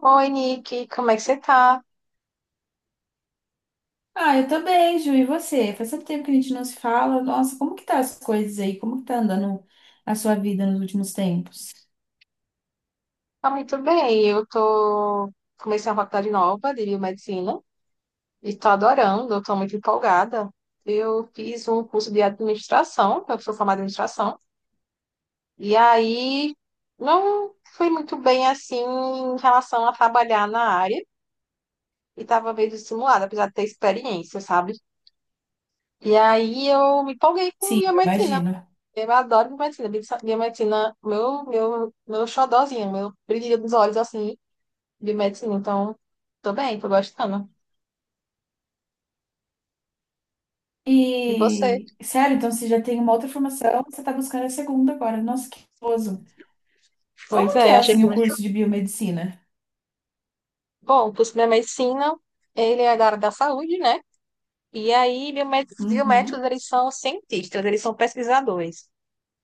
Oi, Nick, como é que você tá? Ah, eu tô bem, Ju. E você? Faz tanto tempo que a gente não se fala. Nossa, como que tá as coisas aí? Como que tá andando a sua vida nos últimos tempos? Tá muito bem. Eu tô Comecei uma faculdade nova de biomedicina e tô adorando, eu tô muito empolgada. Eu fiz um curso de administração, eu sou formada em administração, e aí não fui muito bem assim em relação a trabalhar na área e tava meio desestimulada, apesar de ter experiência, sabe? E aí eu me empolguei com Sim, eu biomedicina. imagino. Eu adoro biomedicina. Biomedicina, biomedicina, meu xodozinho, meu brilho dos olhos, assim. De medicina, então tô bem, tô gostando. E você? E, sério, então você já tem uma outra formação, você tá buscando a segunda agora. Nossa, que gostoso. Como Pois que é, eu é, achei que, assim, o curso de biomedicina? bom, o curso de medicina, ele é da área da saúde, né? E aí, biomed biomédicos, Uhum. eles são cientistas, eles são pesquisadores.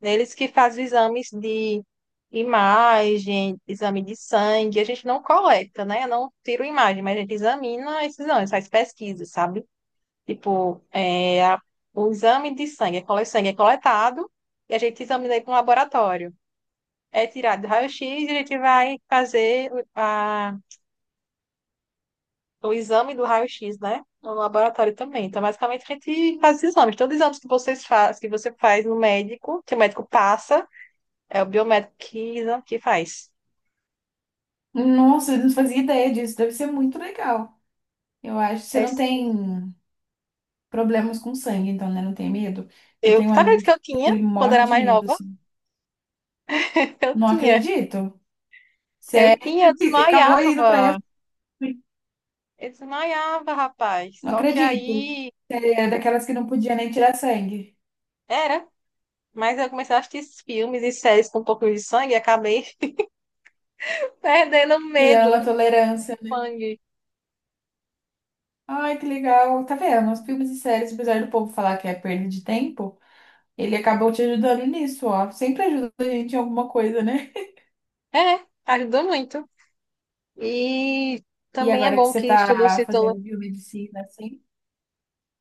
Eles que fazem exames de imagem, exame de sangue, a gente não coleta, né? Eu não tiro imagem, mas a gente examina esses exames, faz pesquisa, sabe? Tipo, é, a- o exame de sangue, sangue é coletado e a gente examina aí para um laboratório. É tirado do raio-x e a gente vai fazer o exame do raio-x, né? No laboratório também. Então, basicamente, a gente faz exames. Todos os exames que vocês faz, que você faz no médico, que o médico passa, é o biomédico que faz. Nossa, eu não fazia ideia disso. Deve ser muito legal. Eu acho. Você É não sim. tem problemas com sangue, então, né? Não tem medo? Eu Eu, tenho um tá vendo amigo que que eu tinha, ele quando morre era de mais medo, nova? assim. Eu Não tinha. acredito. Eu Sério, tinha, eu e acabou indo pra desmaiava. essa. Eu desmaiava, rapaz. Não Só que acredito. aí, É daquelas que não podia nem tirar sangue. era. Mas eu comecei a assistir filmes e séries com um pouco de sangue e acabei perdendo o Criando medo uma do tolerância. sangue. Ai, que legal. Tá vendo? Os filmes e séries, apesar do povo falar que é perda de tempo, ele acabou te ajudando nisso, ó. Sempre ajuda a gente em alguma coisa, né? É, ajuda muito. E E também é agora que bom você que estudo tá citologia fazendo biomedicina, assim,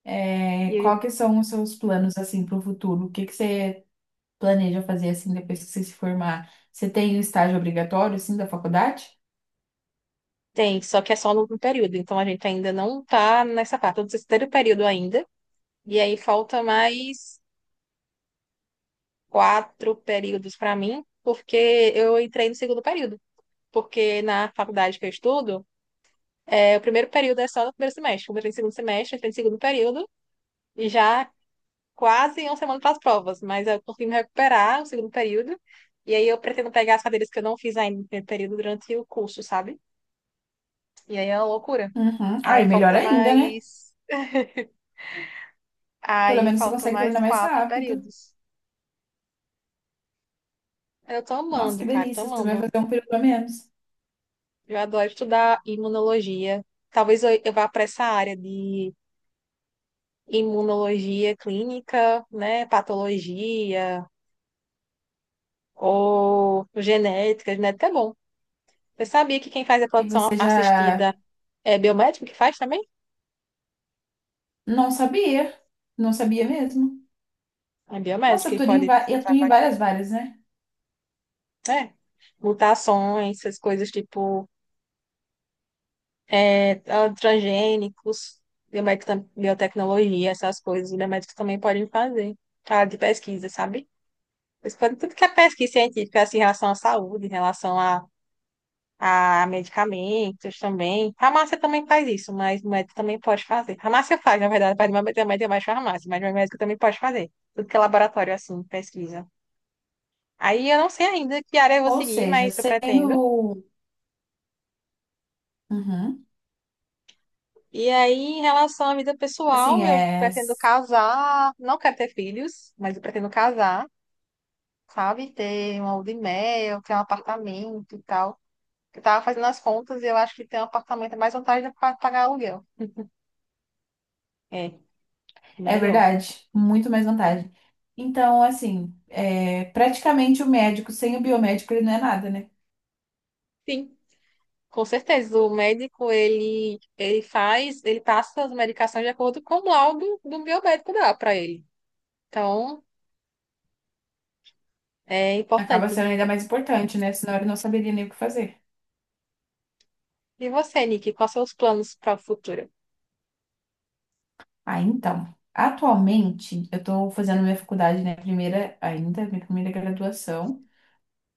é, qual que são os seus planos, assim, pro futuro? O que que você planeja fazer, assim, depois que você se formar? Você tem o estágio obrigatório, assim, da faculdade? tem, só que é só no último período, então a gente ainda não tá nessa parte, tô no terceiro período ainda, e aí falta mais 4 períodos para mim, porque eu entrei no segundo período, porque na faculdade que eu estudo, é, o primeiro período é só no primeiro semestre, como eu entrei no segundo semestre, eu entrei no segundo período, e já quase uma semana para as provas, mas eu consegui me recuperar o segundo período. E aí eu pretendo pegar as cadeiras que eu não fiz ainda no primeiro período durante o curso, sabe? E aí é uma loucura. Uhum. Ah, Aí é melhor falta ainda, né? mais. Pelo Aí menos você faltam consegue mais terminar mais quatro rápido. períodos. Eu tô Nossa, amando, que cara, tô delícia. Você vai amando. fazer um período a menos. Eu adoro estudar imunologia. Talvez eu vá para essa área de imunologia clínica, né? Patologia ou genética. Genética é bom. Eu sabia que quem faz a E produção você já assistida é biomédico que faz também? não sabia. Não sabia mesmo. É Nossa, biomédico que pode eu atuo em trabalhar, né, várias várias, né? mutações, essas coisas tipo, é, transgênicos, biotecnologia, essas coisas. Os biomédicos também podem fazer. Área de pesquisa, sabe? Eles podem tudo que é pesquisa científica, assim, em relação à saúde, em relação a medicamentos também. Farmácia também faz isso, mas o médico também pode fazer. Farmácia faz, na verdade, faz biomédico é mais farmácia, mas o médico também pode fazer. Tudo que é laboratório, assim, pesquisa. Aí eu não sei ainda que área eu vou Ou seguir, seja, mas eu sem pretendo. o. Uhum. E aí, em relação à vida Assim, pessoal, eu é... pretendo casar, não quero ter filhos, mas eu pretendo casar, sabe? Ter uma lua de mel, ter um apartamento e tal. Eu tava fazendo as contas e eu acho que ter um apartamento é mais vantagem do que pagar aluguel. É, é melhor. verdade. Muito mais vantagem. Então, assim, é... praticamente o médico sem o biomédico ele não é nada, né? Sim, com certeza. O médico, ele faz, ele passa as medicações de acordo com o laudo do biomédico dá para ele. Então, é Acaba importante. sendo ainda mais importante, né? Senão ele não saberia nem o que fazer. E você, Nick, quais são os planos para o futuro? Ah, então. Atualmente, eu estou fazendo minha faculdade, né? Primeira, ainda, minha primeira graduação.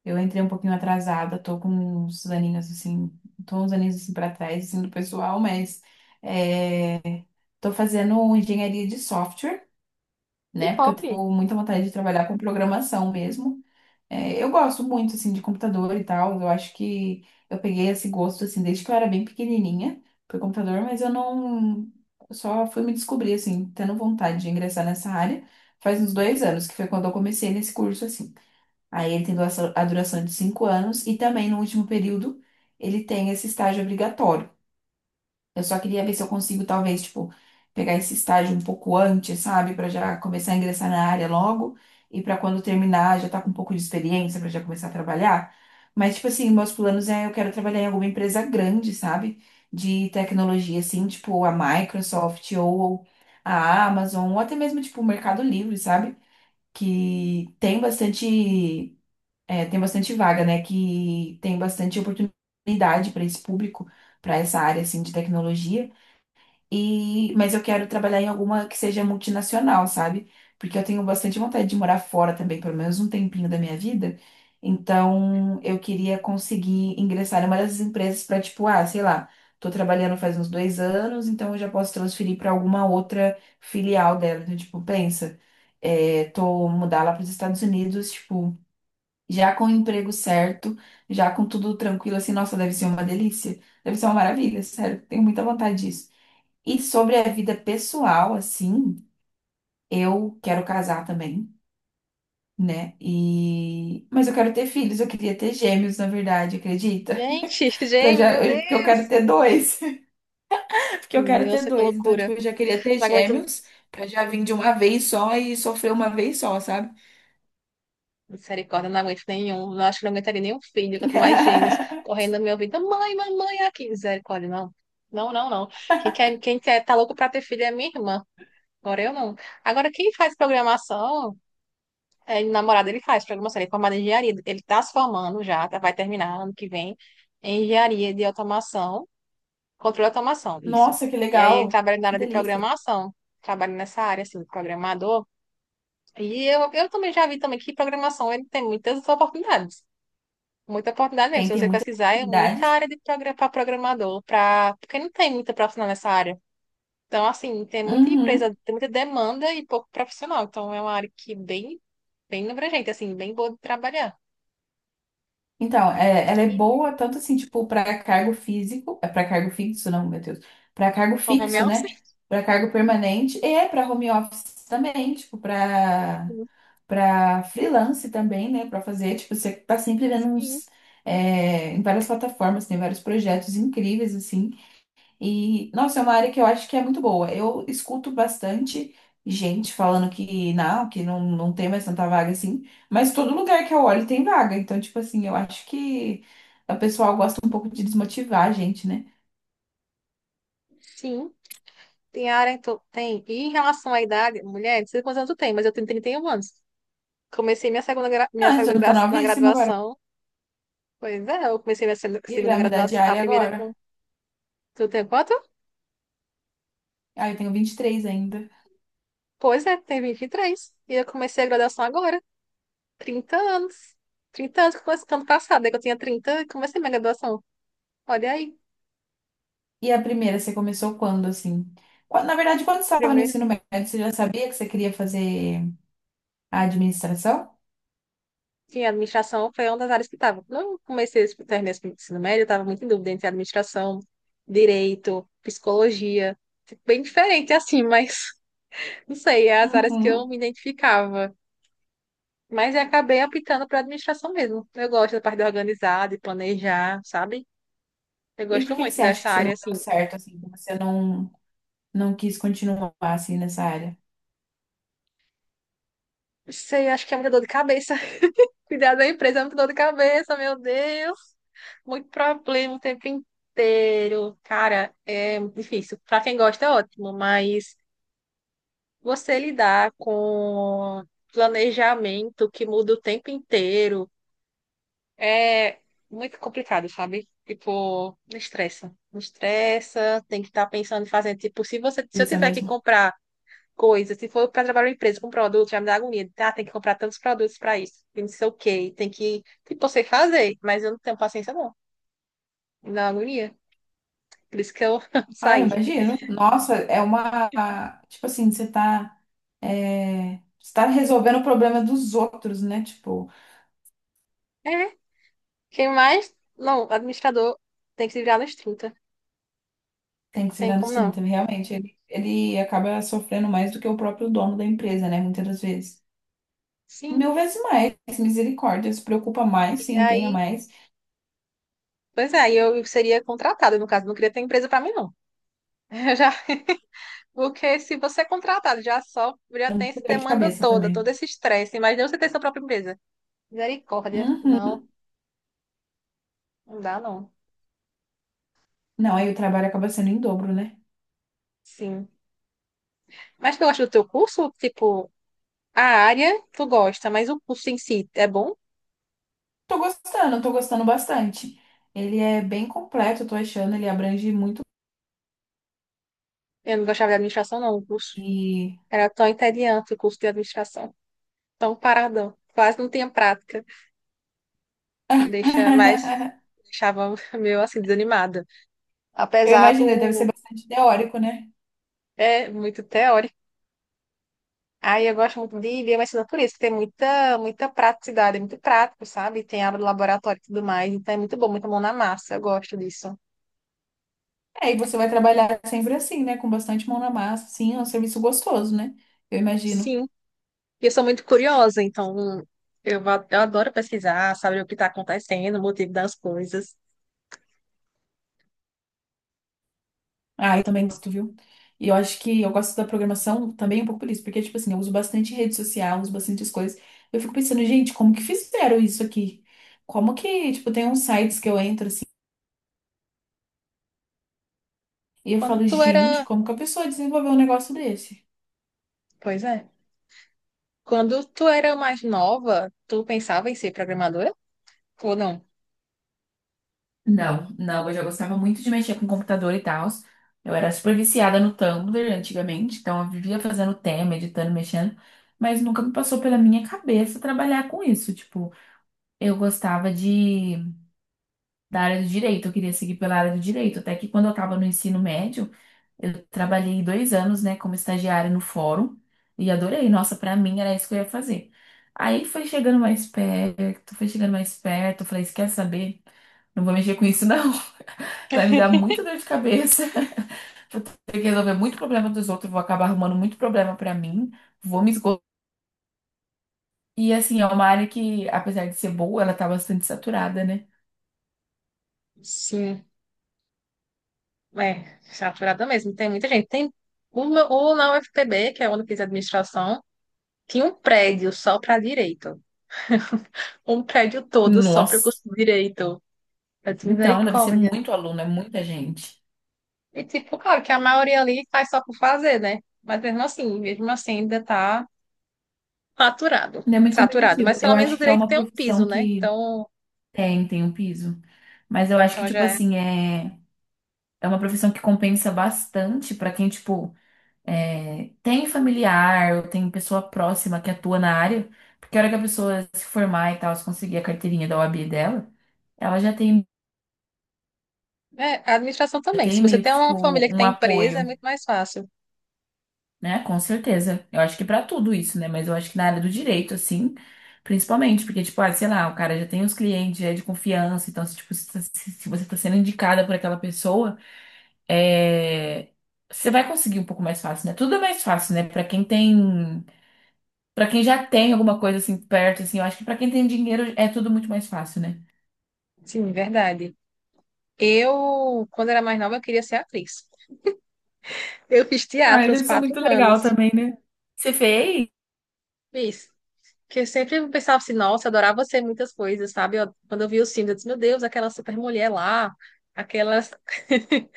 Eu entrei um pouquinho atrasada, tô com uns aninhos assim, tô uns aninhos assim para trás, assim, do pessoal, mas é, tô fazendo engenharia de software, Que né? Porque eu top! tenho muita vontade de trabalhar com programação mesmo. É, eu gosto muito, assim, de computador e tal. Eu acho que eu peguei esse gosto, assim, desde que eu era bem pequenininha por computador, mas eu não... eu só fui me descobrir, assim, tendo vontade de ingressar nessa área faz uns 2 anos, que foi quando eu comecei nesse curso, assim. Aí ele tem a duração de 5 anos e também no último período ele tem esse estágio obrigatório. Eu só queria ver se eu consigo, talvez, tipo, pegar esse estágio um pouco antes, sabe? Pra já começar a ingressar na área logo e pra quando terminar já tá com um pouco de experiência pra já começar a trabalhar. Mas, tipo assim, meus planos é eu quero trabalhar em alguma empresa grande, sabe? De tecnologia, assim, tipo a Microsoft ou a Amazon, ou até mesmo, tipo, o Mercado Livre, sabe? Que tem bastante, é, tem bastante vaga, né? Que tem bastante oportunidade para esse público, para essa área, assim, de tecnologia. E, mas eu quero trabalhar em alguma que seja multinacional, sabe? Porque eu tenho bastante vontade de morar fora também, pelo menos um tempinho da minha vida. Então, eu queria conseguir ingressar em uma dessas empresas para, tipo, ah, sei lá, tô trabalhando faz uns 2 anos, então eu já posso transferir para alguma outra filial dela. Então, tipo, pensa, é, tô mudar lá para os Estados Unidos, tipo, já com o emprego certo, já com tudo tranquilo, assim, nossa, deve ser uma delícia, deve ser uma maravilha, sério, tenho muita vontade disso. E sobre a vida pessoal, assim, eu quero casar também, né? E mas eu quero ter filhos, eu queria ter gêmeos, na verdade, acredita? Gente, Para James, já, meu eu- porque eu quero Deus! ter dois. Porque eu quero Meu, ter que dois, então loucura. tipo, eu já queria ter Não aguento, gêmeos pra já vir de uma vez só e sofrer uma vez só, sabe? misericórdia, não aguento nenhum. Não acho que não aguentaria nenhum filho, quanto mais gêmeos correndo no meu ouvido. Mãe, mamãe, aqui. Misericórdia, não. Não, não, não. Quem quer, tá louco pra ter filho é minha irmã. Agora eu não. Agora, quem faz programação, é, namorado, ele faz programação, ele é formado em engenharia. Ele tá se formando já, vai terminar ano que vem em engenharia de automação. Controle de automação, isso. Nossa, que E aí ele legal. trabalha na Que área de delícia. programação, trabalha nessa área, assim, de programador. E eu também já vi também que programação ele tem muitas oportunidades. Muita oportunidade mesmo. Tem Se tem você muitas pesquisar, é muita oportunidades. área de progra para programador, pra... porque não tem muita profissional nessa área. Então, assim, tem muita Uhum. empresa, tem muita demanda e pouco profissional. Então, é uma área que bem, bem abrangente, assim, bem boa de trabalhar. Então, ela é E boa tanto assim, tipo, para cargo físico, é para cargo fixo, não, meu Deus, para cargo com home fixo, né? office, Para cargo permanente e é para home office também, tipo, para para freelance também, né? Para fazer, tipo, você tá sempre vendo sim, uns é, em várias plataformas, tem vários projetos incríveis assim. E, nossa, é uma área que eu acho que é muito boa. Eu escuto bastante gente falando que não, não tem mais tanta vaga assim, mas todo lugar que eu olho tem vaga. Então, tipo assim, eu acho que o pessoal gosta um pouco de desmotivar a gente, né? sim. Tem área, então, tem. E em relação à idade, mulher, não sei quantos anos tu tem, mas eu tenho 31 anos. Comecei minha segunda, Não, você não tá na novíssima agora. graduação. Pois é, eu comecei minha segunda E segunda vai mudar de graduação, a área primeira agora. com... Tu tem quanto? Ah, eu tenho 23 ainda. Pois é, tem 23 e eu comecei a graduação agora, 30 anos. 30 anos, que começou ano passado, né, que eu tinha 30 e comecei minha graduação. Olha aí, E a primeira, você começou quando, assim? Na verdade, quando você estava no ensino médio, você já sabia que você queria fazer a administração? sim, a administração foi uma das áreas que estava. Quando eu comecei esse terminei esse ensino médio, eu estava muito em dúvida entre administração, direito, psicologia. Bem diferente assim, mas não sei, é as áreas que eu Uhum. me identificava. Mas eu acabei optando para administração mesmo. Eu gosto da parte de organizar, de planejar, sabe? Eu E por gosto que que muito você acha dessa que você não área, deu assim. certo, assim, que você não quis continuar assim nessa área. Não sei, acho que é muita dor de cabeça. Cuidar da empresa é muito dor de cabeça, meu Deus. Muito problema o tempo inteiro. Cara, é difícil. Para quem gosta, é ótimo, mas você lidar com planejamento que muda o tempo inteiro é muito complicado, sabe? Tipo, me estressa. Me estressa, tem que estar pensando em fazer. Tipo, se você, se eu Isso tiver que mesmo. comprar coisa. Se for para trabalhar em uma empresa com produto, já me dá agonia. Ah, tem que comprar tantos produtos para isso. E não sei o quê. Tem que. Tipo, eu sei fazer, mas eu não tenho paciência, não. Me dá agonia. Por isso que eu Ah, eu saí. imagino. Nossa, é uma. Tipo assim, você tá. É, você tá resolvendo o problema dos outros, né? Tipo, É. Quem mais? Não, administrador tem que se virar nos 30. tem que se Tem virar nos como não? 30, realmente, ele acaba sofrendo mais do que o próprio dono da empresa, né? Muitas das vezes. Sim. Mil vezes mais. Misericórdia. Se preocupa mais, E se empenha aí. mais. Pois é, aí eu seria contratada, no caso. Não queria ter empresa para mim, não. Eu já. Porque se você é contratado, já só já tem essa Dor de demanda cabeça toda, todo também. esse estresse. Imagina você ter sua própria empresa. Misericórdia. Não, Uhum. não dá, não. Não, aí o trabalho acaba sendo em dobro, né? Sim. Mas tu gosta do teu curso? Tipo, a área tu gosta, mas o curso em si é bom? Tô gostando bastante. Ele é bem completo, eu tô achando, ele abrange muito Eu não gostava de administração, não. O curso e era tão entediante, o curso de administração. Tão paradão. Quase não tinha prática. Deixa mais... Deixava meio assim, desanimada. eu Apesar imagino, ele deve ser do... bastante teórico, né? É muito teórico. Aí eu gosto muito de biomedicina por isso, que tem muita, muita praticidade, é muito prático, sabe? Tem aula do laboratório e tudo mais. Então é muito bom, muita mão na massa. Eu gosto disso. É, e você vai trabalhar sempre assim, né? Com bastante mão na massa, sim, é um serviço gostoso, né? Eu imagino. Sim. E eu sou muito curiosa, então eu adoro pesquisar, saber o que está acontecendo, o motivo das coisas. Ah, eu também gosto, viu? E eu acho que eu gosto da programação também um pouco por isso, porque, tipo assim, eu uso bastante rede social, uso bastante as coisas. Eu fico pensando, gente, como que fizeram isso aqui? Como que, tipo, tem uns sites que eu entro assim, e eu Quando falo, tu gente, era. como que a pessoa desenvolveu um negócio desse? Pois é. Quando tu era mais nova, tu pensava em ser programadora? Ou não? Não, não, eu já gostava muito de mexer com computador e tal. Eu era super viciada no Tumblr antigamente, então eu vivia fazendo tema, editando, mexendo, mas nunca me passou pela minha cabeça trabalhar com isso. Tipo, eu gostava de da área do direito, eu queria seguir pela área do direito, até que quando eu estava no ensino médio, eu trabalhei 2 anos, né, como estagiária no fórum e adorei. Nossa, pra mim era isso que eu ia fazer. Aí foi chegando mais perto, foi chegando mais perto, eu falei, "Você quer saber? Não vou mexer com isso, não. Vai me dar muita dor de cabeça. Vou ter que resolver muito problema dos outros, vou acabar arrumando muito problema pra mim, vou me esgotar. E assim, é uma área que, apesar de ser boa, ela tá bastante saturada, né? Sim, é, saturada mesmo. Tem muita gente. Tem uma, o na UFPB, que é onde eu fiz administração, tinha um prédio só para direito. Um prédio todo só para o Nossa. curso de direito. Eu disse, Então, deve ser misericórdia. muito aluno, é muita gente. E tipo, claro que a maioria ali faz só por fazer, né? Mas mesmo assim ainda tá saturado, E é muito saturado. competitivo. Mas pelo Eu menos o acho que é direito uma tem um piso, profissão né? que Então, tem um piso. Mas eu acho que, então já tipo é. assim, é, é uma profissão que compensa bastante pra quem, tipo, é, tem familiar ou tem pessoa próxima que atua na área, porque a hora que a pessoa se formar e tal, se conseguir a carteirinha da OAB dela, ela É, a administração já também. Se tem você meio que tem uma tipo família que um tem empresa, é apoio, muito mais fácil. né? Com certeza. Eu acho que pra tudo isso, né? Mas eu acho que na área do direito, assim, principalmente, porque, tipo, ah, sei lá, o cara já tem os clientes, já é de confiança, então, se, tipo, se você tá sendo indicada por aquela pessoa, é, você vai conseguir um pouco mais fácil, né? Tudo é mais fácil, né? Pra quem já tem alguma coisa assim perto, assim, eu acho que pra quem tem dinheiro é tudo muito mais fácil, né? Sim, verdade. Eu, quando era mais nova, eu queria ser atriz. Eu fiz Ai, teatro uns deve ser quatro muito legal anos. também, né? Você fez? Fiz. Que eu sempre pensava assim, nossa, eu adorava ser muitas coisas, sabe? Quando eu vi os filmes, eu disse, meu Deus, aquela super mulher lá, aquelas,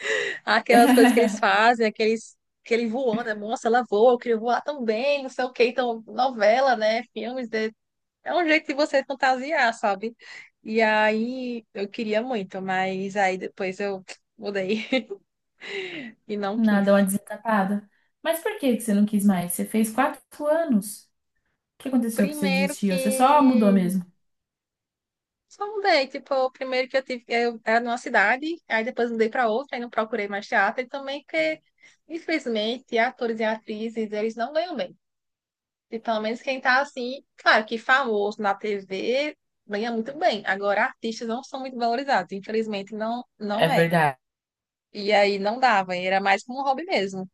aquelas coisas que eles fazem, aqueles, aquele voando, né? Nossa, ela voa, eu queria voar também, não sei o quê. Então, novela, né? Filmes, de... é um jeito de você fantasiar, sabe? E aí, eu queria muito, mas aí depois eu mudei e não quis. Nada, uma desencapada. Mas por que que você não quis mais? Você fez 4 anos. O que aconteceu que você Primeiro desistiu? Você só mudou que mesmo. Só mudei, tipo, o primeiro que eu tive, eu era numa cidade, aí depois mudei para outra, aí não procurei mais teatro, e também porque, infelizmente, atores e atrizes, eles não ganham bem. E pelo menos quem tá assim, claro que famoso na TV ganha muito bem. Agora, artistas não são muito valorizados, infelizmente não, não É é. verdade. E aí não dava, era mais como um hobby mesmo.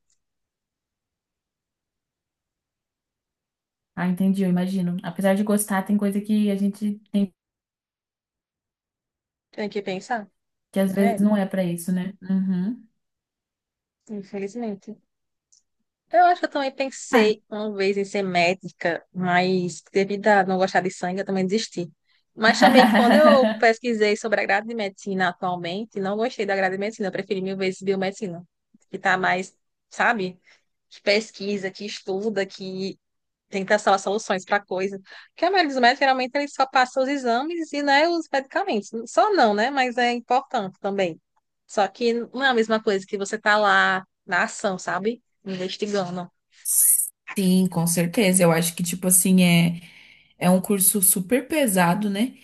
Ah, entendi, eu imagino. Apesar de gostar, tem coisa que a gente tem Tem que pensar. que às vezes É, não é pra isso, né? Uhum. infelizmente. Eu acho que eu também Ai, pensei uma vez em ser médica, mas devido a não gostar de sangue, eu também desisti. Mas também, quando eu pesquisei sobre a grade de medicina atualmente, não gostei da grade de medicina, eu preferi mil vezes biomedicina, que está mais, sabe, que pesquisa, que estuda, que tenta achar soluções para coisa. Porque a maioria dos médicos, geralmente, eles só passam os exames e, né, os medicamentos. Só não, né, mas é importante também. Só que não é a mesma coisa que você tá lá na ação, sabe? Investigando. sim, com certeza. Eu acho que, tipo assim, é, é um curso super pesado, né?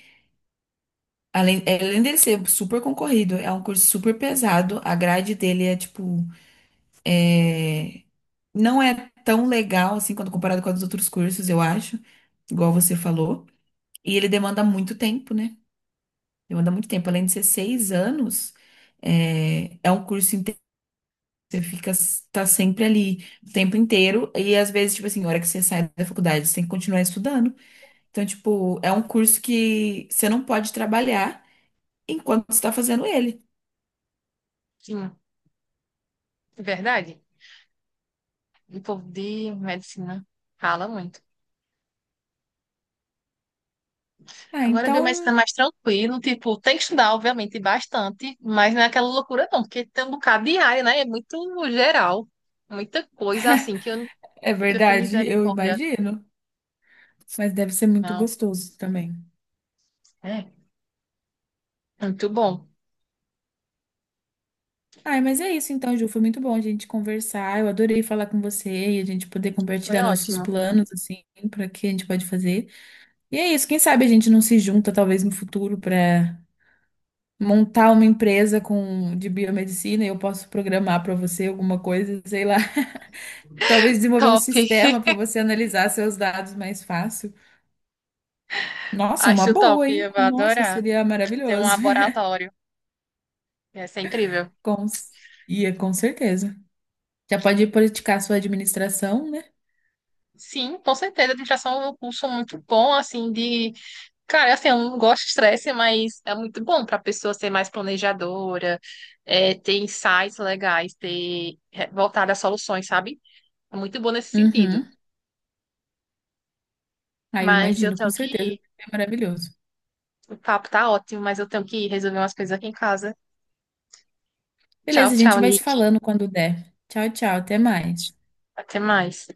Além, é, além dele ser super concorrido, é um curso super pesado. A grade dele é tipo, é, não é tão legal assim quando comparado com os outros cursos, eu acho, igual você falou. E ele demanda muito tempo, né? Demanda muito tempo. Além de ser 6 anos, é, é um curso inteiro. Você fica, tá sempre ali o tempo inteiro. E às vezes, tipo assim, a hora que você sai da faculdade, você tem que continuar estudando. Então, tipo, é um curso que você não pode trabalhar enquanto você tá fazendo ele. Sim, é verdade. O povo de medicina fala muito. Ah, Agora, biomedicina é então mais tranquilo, tipo, tem que estudar, obviamente, bastante, mas não é aquela loucura, não, porque tem um bocado de área, né? É muito geral, muita coisa assim é que eu fiquei verdade, eu misericórdia. imagino. Mas deve ser muito Não, gostoso também. é, muito bom, Ai, mas é isso então, Ju. Foi muito bom a gente conversar. Eu adorei falar com você e a gente poder foi compartilhar nossos ótimo. planos, assim, para que a gente pode fazer. E é isso. Quem sabe a gente não se junta, talvez no futuro, para montar uma empresa com de biomedicina e eu posso programar para você alguma coisa, sei lá. Talvez desenvolver um Top, sistema para você analisar seus dados mais fácil. Nossa, é uma acho boa, top, hein? eu vou Nossa, adorar seria ter um maravilhoso. laboratório, ia ser incrível. Com... Ia, com certeza. Já pode politicar sua administração, né? Sim, com certeza, administração é um curso muito bom, assim, de cara, assim, eu não gosto de estresse, mas é muito bom para a pessoa ser mais planejadora, é, ter insights legais, ter é, voltar a soluções, sabe? É muito bom nesse sentido. Uhum. Aí eu Mas eu imagino, com tenho que certeza. ir. É maravilhoso. O papo tá ótimo, mas eu tenho que ir resolver umas coisas aqui em casa. Tchau, Beleza, a gente tchau, vai se Nick. falando quando der. Tchau, tchau. Até mais. Até mais.